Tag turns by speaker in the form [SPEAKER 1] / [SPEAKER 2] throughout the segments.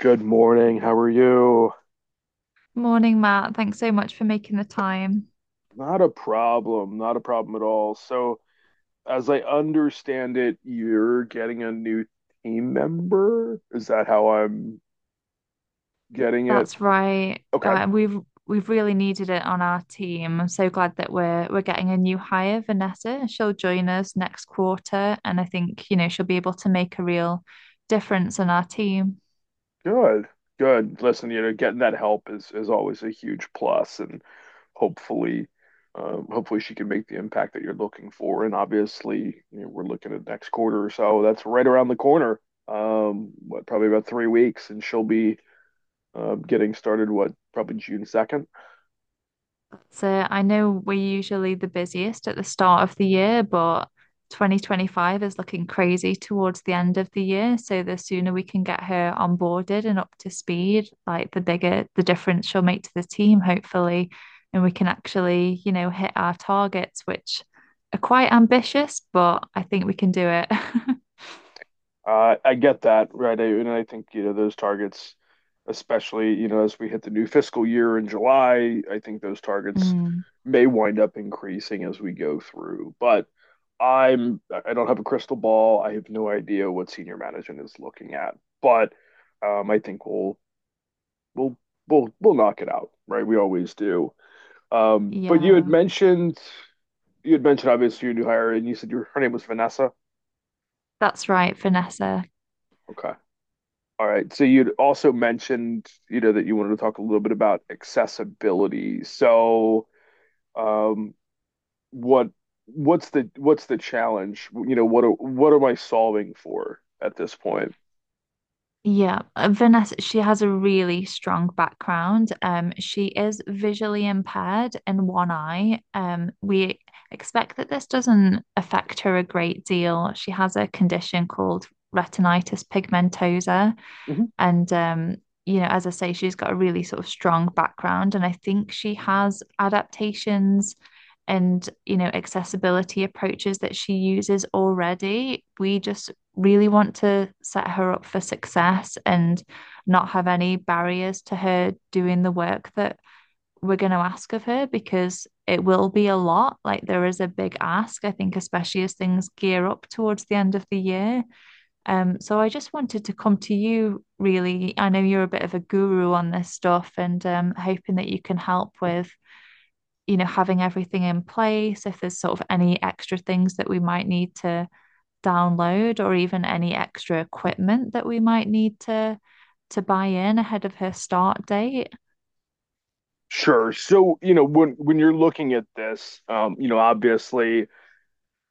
[SPEAKER 1] Good morning. How are you?
[SPEAKER 2] Morning, Matt. Thanks so much for making the time.
[SPEAKER 1] Not a problem. Not a problem at all. So, as I understand it, you're getting a new team member. Is that how I'm getting it?
[SPEAKER 2] That's right.
[SPEAKER 1] Okay.
[SPEAKER 2] We've really needed it on our team. I'm so glad that we're getting a new hire, Vanessa. She'll join us next quarter, and I think, she'll be able to make a real difference on our team.
[SPEAKER 1] Good. Good. Listen, getting that help is always a huge plus, and hopefully, hopefully she can make the impact that you're looking for. And obviously, we're looking at next quarter or so. That's right around the corner. What, probably about 3 weeks, and she'll be getting started, what, probably June 2nd.
[SPEAKER 2] So I know we're usually the busiest at the start of the year, but 2025 is looking crazy towards the end of the year. So the sooner we can get her onboarded and up to speed, like the bigger the difference she'll make to the team, hopefully. And we can actually, you know, hit our targets, which are quite ambitious, but I think we can do it.
[SPEAKER 1] I get that, right? And I think, those targets, especially, as we hit the new fiscal year in July, I think those targets
[SPEAKER 2] Mm,
[SPEAKER 1] may wind up increasing as we go through. But I don't have a crystal ball. I have no idea what senior management is looking at, but I think we'll, we'll knock it out, right? We always do. But
[SPEAKER 2] yeah,
[SPEAKER 1] you had mentioned obviously your new hire and you said her name was Vanessa.
[SPEAKER 2] that's right, Vanessa.
[SPEAKER 1] Okay. All right. So you'd also mentioned, that you wanted to talk a little bit about accessibility. So, um, what what's the challenge? You know, what am I solving for at this point?
[SPEAKER 2] Yeah, Vanessa, she has a really strong background. She is visually impaired in one eye. We expect that this doesn't affect her a great deal. She has a condition called retinitis pigmentosa.
[SPEAKER 1] Mhm.
[SPEAKER 2] And you know, as I say, she's got a really sort of strong background, and I think she has adaptations and you know accessibility approaches that she uses already. We just really want to set her up for success and not have any barriers to her doing the work that we're going to ask of her because it will be a lot. Like there is a big ask, I think, especially as things gear up towards the end of the year. So I just wanted to come to you, really. I know you're a bit of a guru on this stuff and hoping that you can help with, you know, having everything in place, if there's sort of any extra things that we might need to download or even any extra equipment that we might need to buy in ahead of her start date.
[SPEAKER 1] Sure. So, you know, when you're looking at this, you know, obviously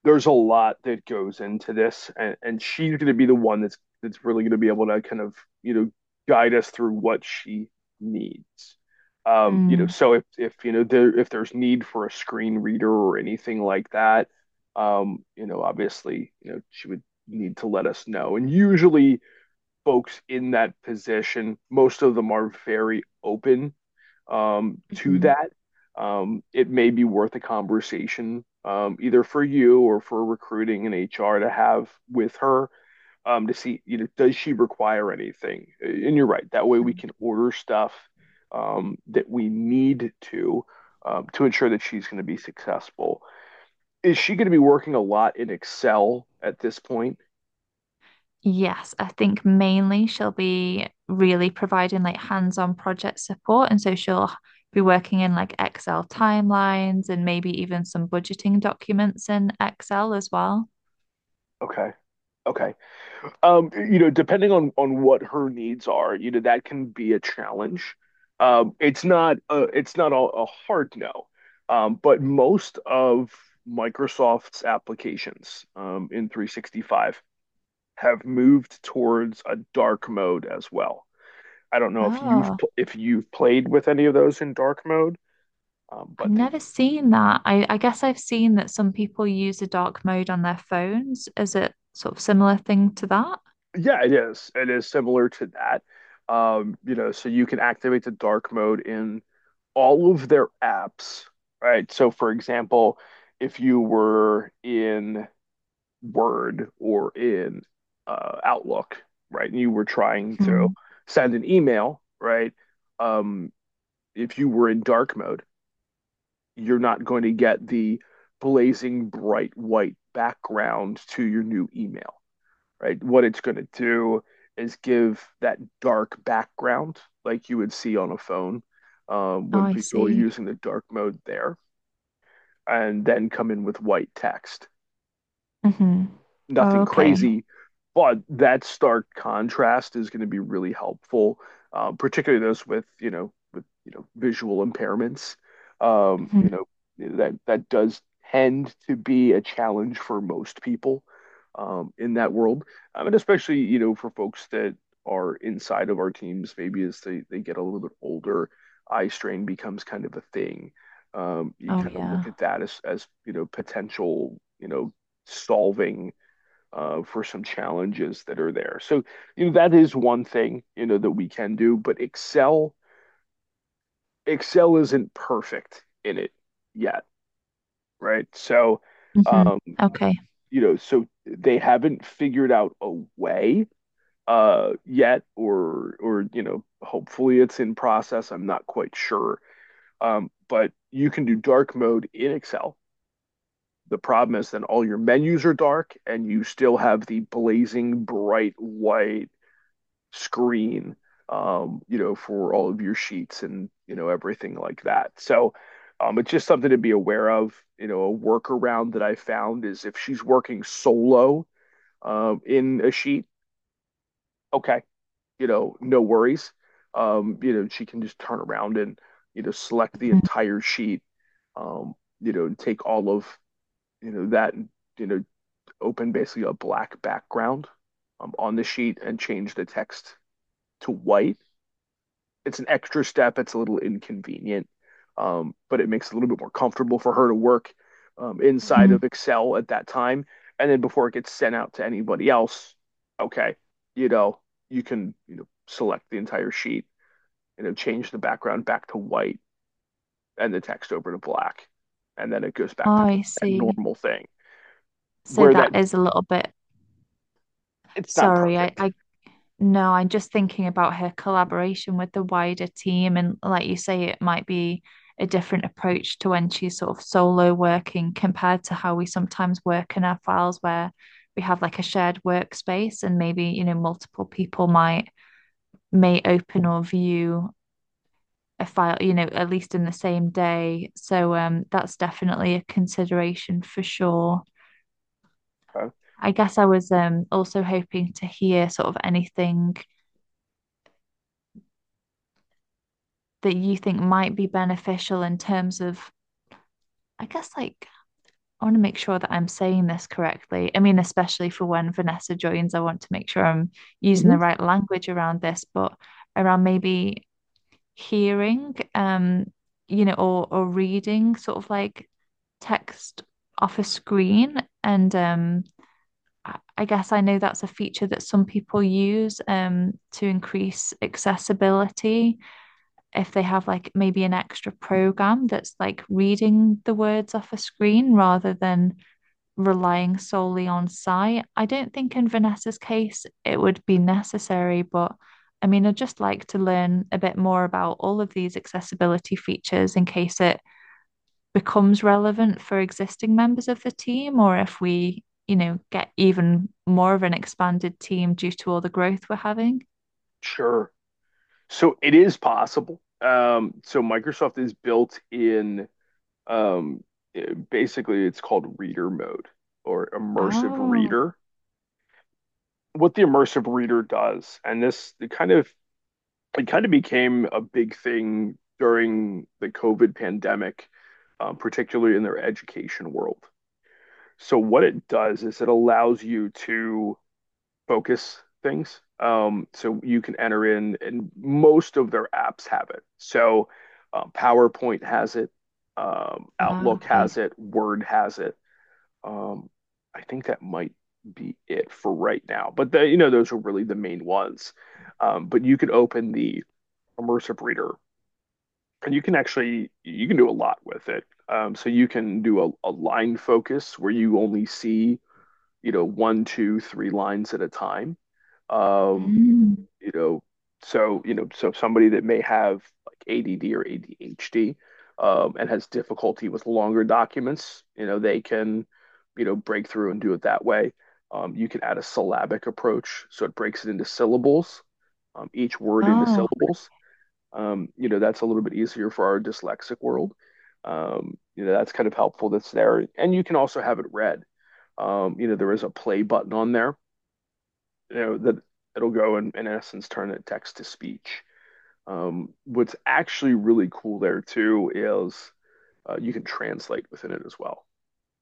[SPEAKER 1] there's a lot that goes into this, and she's going to be the one that's really going to be able to kind of you know guide us through what she needs. You know,
[SPEAKER 2] Mm,
[SPEAKER 1] so if you know there if there's need for a screen reader or anything like that, you know, obviously, you know, she would need to let us know. And usually, folks in that position, most of them are very open to
[SPEAKER 2] mhm.
[SPEAKER 1] that, it may be worth a conversation either for you or for recruiting and HR to have with her to see, you know, does she require anything? And you're right. That way we can order stuff that we need to ensure that she's going to be successful. Is she going to be working a lot in Excel at this point?
[SPEAKER 2] Yes, I think mainly she'll be really providing like hands-on project support. And so she'll be working in like Excel timelines and maybe even some budgeting documents in Excel as well.
[SPEAKER 1] Okay. Okay. You know, depending on what her needs are, you know, that can be a challenge. It's not a hard no. But most of Microsoft's applications in 365 have moved towards a dark mode as well. I don't know if you've
[SPEAKER 2] Oh,
[SPEAKER 1] played with any of those in dark mode, um,
[SPEAKER 2] I've
[SPEAKER 1] but they
[SPEAKER 2] never seen that. I guess I've seen that some people use a dark mode on their phones. Is it sort of similar thing to that?
[SPEAKER 1] Yeah, it is. It is similar to that. You know, so you can activate the dark mode in all of their apps, right? So, for example, if you were in Word or in Outlook, right, and you were trying to
[SPEAKER 2] Hmm.
[SPEAKER 1] send an email, right? Um, if you were in dark mode, you're not going to get the blazing bright white background to your new email, right? What it's going to do is give that dark background like you would see on a phone
[SPEAKER 2] Oh,
[SPEAKER 1] when
[SPEAKER 2] I
[SPEAKER 1] people are
[SPEAKER 2] see.
[SPEAKER 1] using the dark mode there. And then come in with white text,
[SPEAKER 2] Hmm. Oh,
[SPEAKER 1] nothing
[SPEAKER 2] okay.
[SPEAKER 1] crazy, but that stark contrast is going to be really helpful, particularly those with, you know, visual impairments. You
[SPEAKER 2] Hmm.
[SPEAKER 1] know, that does tend to be a challenge for most people in that world. And especially, you know, for folks that are inside of our teams, maybe as they get a little bit older, eye strain becomes kind of a thing. You
[SPEAKER 2] Oh,
[SPEAKER 1] kind of look
[SPEAKER 2] yeah.
[SPEAKER 1] at that as you know, potential, you know, solving for some challenges that are there. So, you know, that is one thing, you know, that we can do, but Excel isn't perfect in it yet, right? So,
[SPEAKER 2] Hmm.
[SPEAKER 1] um,
[SPEAKER 2] Okay.
[SPEAKER 1] you know, so they haven't figured out a way yet or you know hopefully it's in process. I'm not quite sure, but you can do dark mode in Excel. The problem is then all your menus are dark and you still have the blazing bright white screen, you know, for all of your sheets and, you know, everything like that. So it's just something to be aware of. You know, a workaround that I found is if she's working solo in a sheet, okay, you know, no worries. You know, she can just turn around and, you know, select the
[SPEAKER 2] Hmm.
[SPEAKER 1] entire sheet, um, you know, and take all of, you know, that and, you know, open basically a black background on the sheet and change the text to white. It's an extra step. It's a little inconvenient, but it makes it a little bit more comfortable for her to work inside
[SPEAKER 2] Hmm.
[SPEAKER 1] of Excel at that time. And then before it gets sent out to anybody else, okay, you know, you can you know select the entire sheet, you know, change the background back to white and the text over to black, and then it goes
[SPEAKER 2] Oh,
[SPEAKER 1] back to
[SPEAKER 2] I
[SPEAKER 1] that
[SPEAKER 2] see.
[SPEAKER 1] normal thing
[SPEAKER 2] So
[SPEAKER 1] where that
[SPEAKER 2] that is a little bit
[SPEAKER 1] It's not
[SPEAKER 2] sorry.
[SPEAKER 1] perfect.
[SPEAKER 2] I No, I'm just thinking about her collaboration with the wider team. And like you say, it might be a different approach to when she's sort of solo working compared to how we sometimes work in our files where we have like a shared workspace and maybe, you know, multiple people might may open or view a file, you know, at least in the same day. So that's definitely a consideration for sure.
[SPEAKER 1] Uh,
[SPEAKER 2] I guess I was also hoping to hear sort of anything that you think might be beneficial in terms of, I guess, like, I want to make sure that I'm saying this correctly. I mean, especially for when Vanessa joins, I want to make sure I'm using
[SPEAKER 1] Mhm.
[SPEAKER 2] the right language around this, but around maybe hearing, you know, or reading sort of like text off a screen and I- guess I know that's a feature that some people use to increase accessibility. If they have like maybe an extra program that's like reading the words off a screen rather than relying solely on sight. I don't think in Vanessa's case it would be necessary, but I mean, I'd just like to learn a bit more about all of these accessibility features in case it becomes relevant for existing members of the team or if we, you know, get even more of an expanded team due to all the growth we're having.
[SPEAKER 1] Sure. So it is possible. So Microsoft is built in. Um, Basically, it's called reader mode or immersive
[SPEAKER 2] Oh,
[SPEAKER 1] reader. What the immersive reader does, and this it kind of became a big thing during the COVID pandemic, particularly in their education world. So what it does is it allows you to focus things. So you can enter in, and most of their apps have it. So PowerPoint has it,
[SPEAKER 2] ah,
[SPEAKER 1] Outlook
[SPEAKER 2] okay.
[SPEAKER 1] has it, Word has it. Um, I think that might be it for right now. But the, you know, those are really the main ones. But you could open the immersive reader and you can do a lot with it. So you can do a line focus where you only see, you know, one, two, three lines at a time. Um,
[SPEAKER 2] Mm.
[SPEAKER 1] you know, so, you know, so somebody that may have like ADD or ADHD and has difficulty with longer documents, you know, they can, you know, break through and do it that way. You can add a syllabic approach, so it breaks it into syllables, each word into
[SPEAKER 2] Oh,
[SPEAKER 1] syllables. You know, that's a little bit easier for our dyslexic world. You know, that's kind of helpful that's there. And you can also have it read. You know, there is a play button on there you know that it'll go and in essence turn it text to speech. What's actually really cool there too is you can translate within it as well.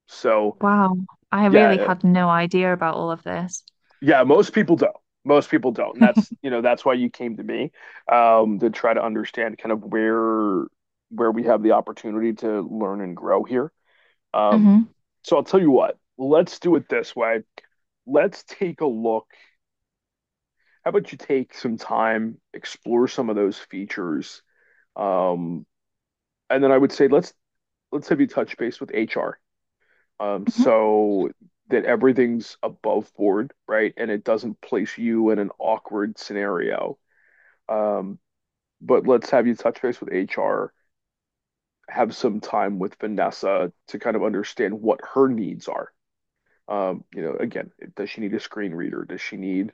[SPEAKER 1] So
[SPEAKER 2] wow. I really
[SPEAKER 1] yeah,
[SPEAKER 2] had no idea about all of this.
[SPEAKER 1] yeah, most people don't. Most people don't, and that's you know that's why you came to me to try to understand kind of where we have the opportunity to learn and grow here. Um,
[SPEAKER 2] Hmm.
[SPEAKER 1] so I'll tell you what, let's do it this way. Let's take a look. How about you take some time, explore some of those features. Um, and then I would say let's have you touch base with HR,
[SPEAKER 2] Hmm.
[SPEAKER 1] so that everything's above board, right? And it doesn't place you in an awkward scenario. Um, but let's have you touch base with HR, have some time with Vanessa to kind of understand what her needs are. You know, again, does she need a screen reader? Does she need,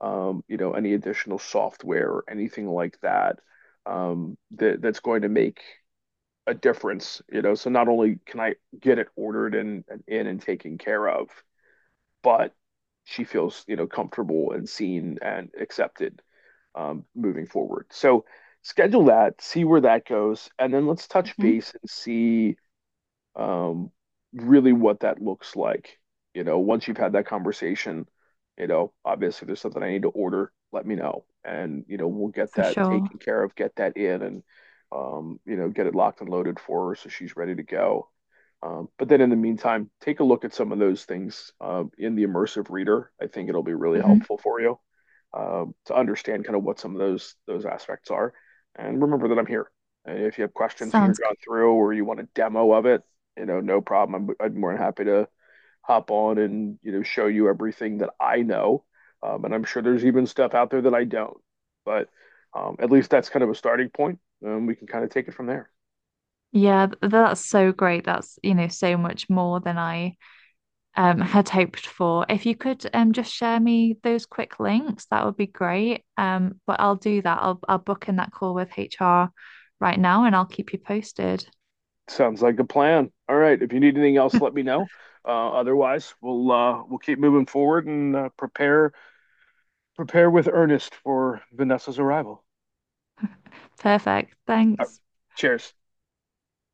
[SPEAKER 1] you know, any additional software or anything like that, that that's going to make a difference, you know. So not only can I get it ordered and in and taken care of, but she feels, you know, comfortable and seen and accepted moving forward. So schedule that, see where that goes, and then let's touch
[SPEAKER 2] Hmm.
[SPEAKER 1] base and see um, really what that looks like. You know, once you've had that conversation, you know, obviously there's something I need to order, let me know. And, you know, we'll get
[SPEAKER 2] For
[SPEAKER 1] that
[SPEAKER 2] sure.
[SPEAKER 1] taken care of, get that in and, you know, get it locked and loaded for her so she's ready to go. But then in the meantime, take a look at some of those things in the immersive reader. I think it'll be really
[SPEAKER 2] Hmm.
[SPEAKER 1] helpful for you to understand kind of what some of those aspects are. And remember that I'm here. And if you have questions as you're
[SPEAKER 2] Sounds, gr-
[SPEAKER 1] going through or you want a demo of it, you know, no problem. I'm more than happy to hop on and, you know, show you everything that I know. And I'm sure there's even stuff out there that I don't. But at least that's kind of a starting point. And we can kind of take it from there.
[SPEAKER 2] yeah, that's so great. That's, you know, so much more than I had hoped for. If you could just share me those quick links, that would be great. But I'll do that. I'll book in that call with HR right now and I'll keep you posted.
[SPEAKER 1] Sounds like a plan. All right. If you need anything else, let me know. Otherwise, we'll keep moving forward and prepare with earnest for Vanessa's arrival.
[SPEAKER 2] Perfect.
[SPEAKER 1] All right.
[SPEAKER 2] Thanks.
[SPEAKER 1] Cheers.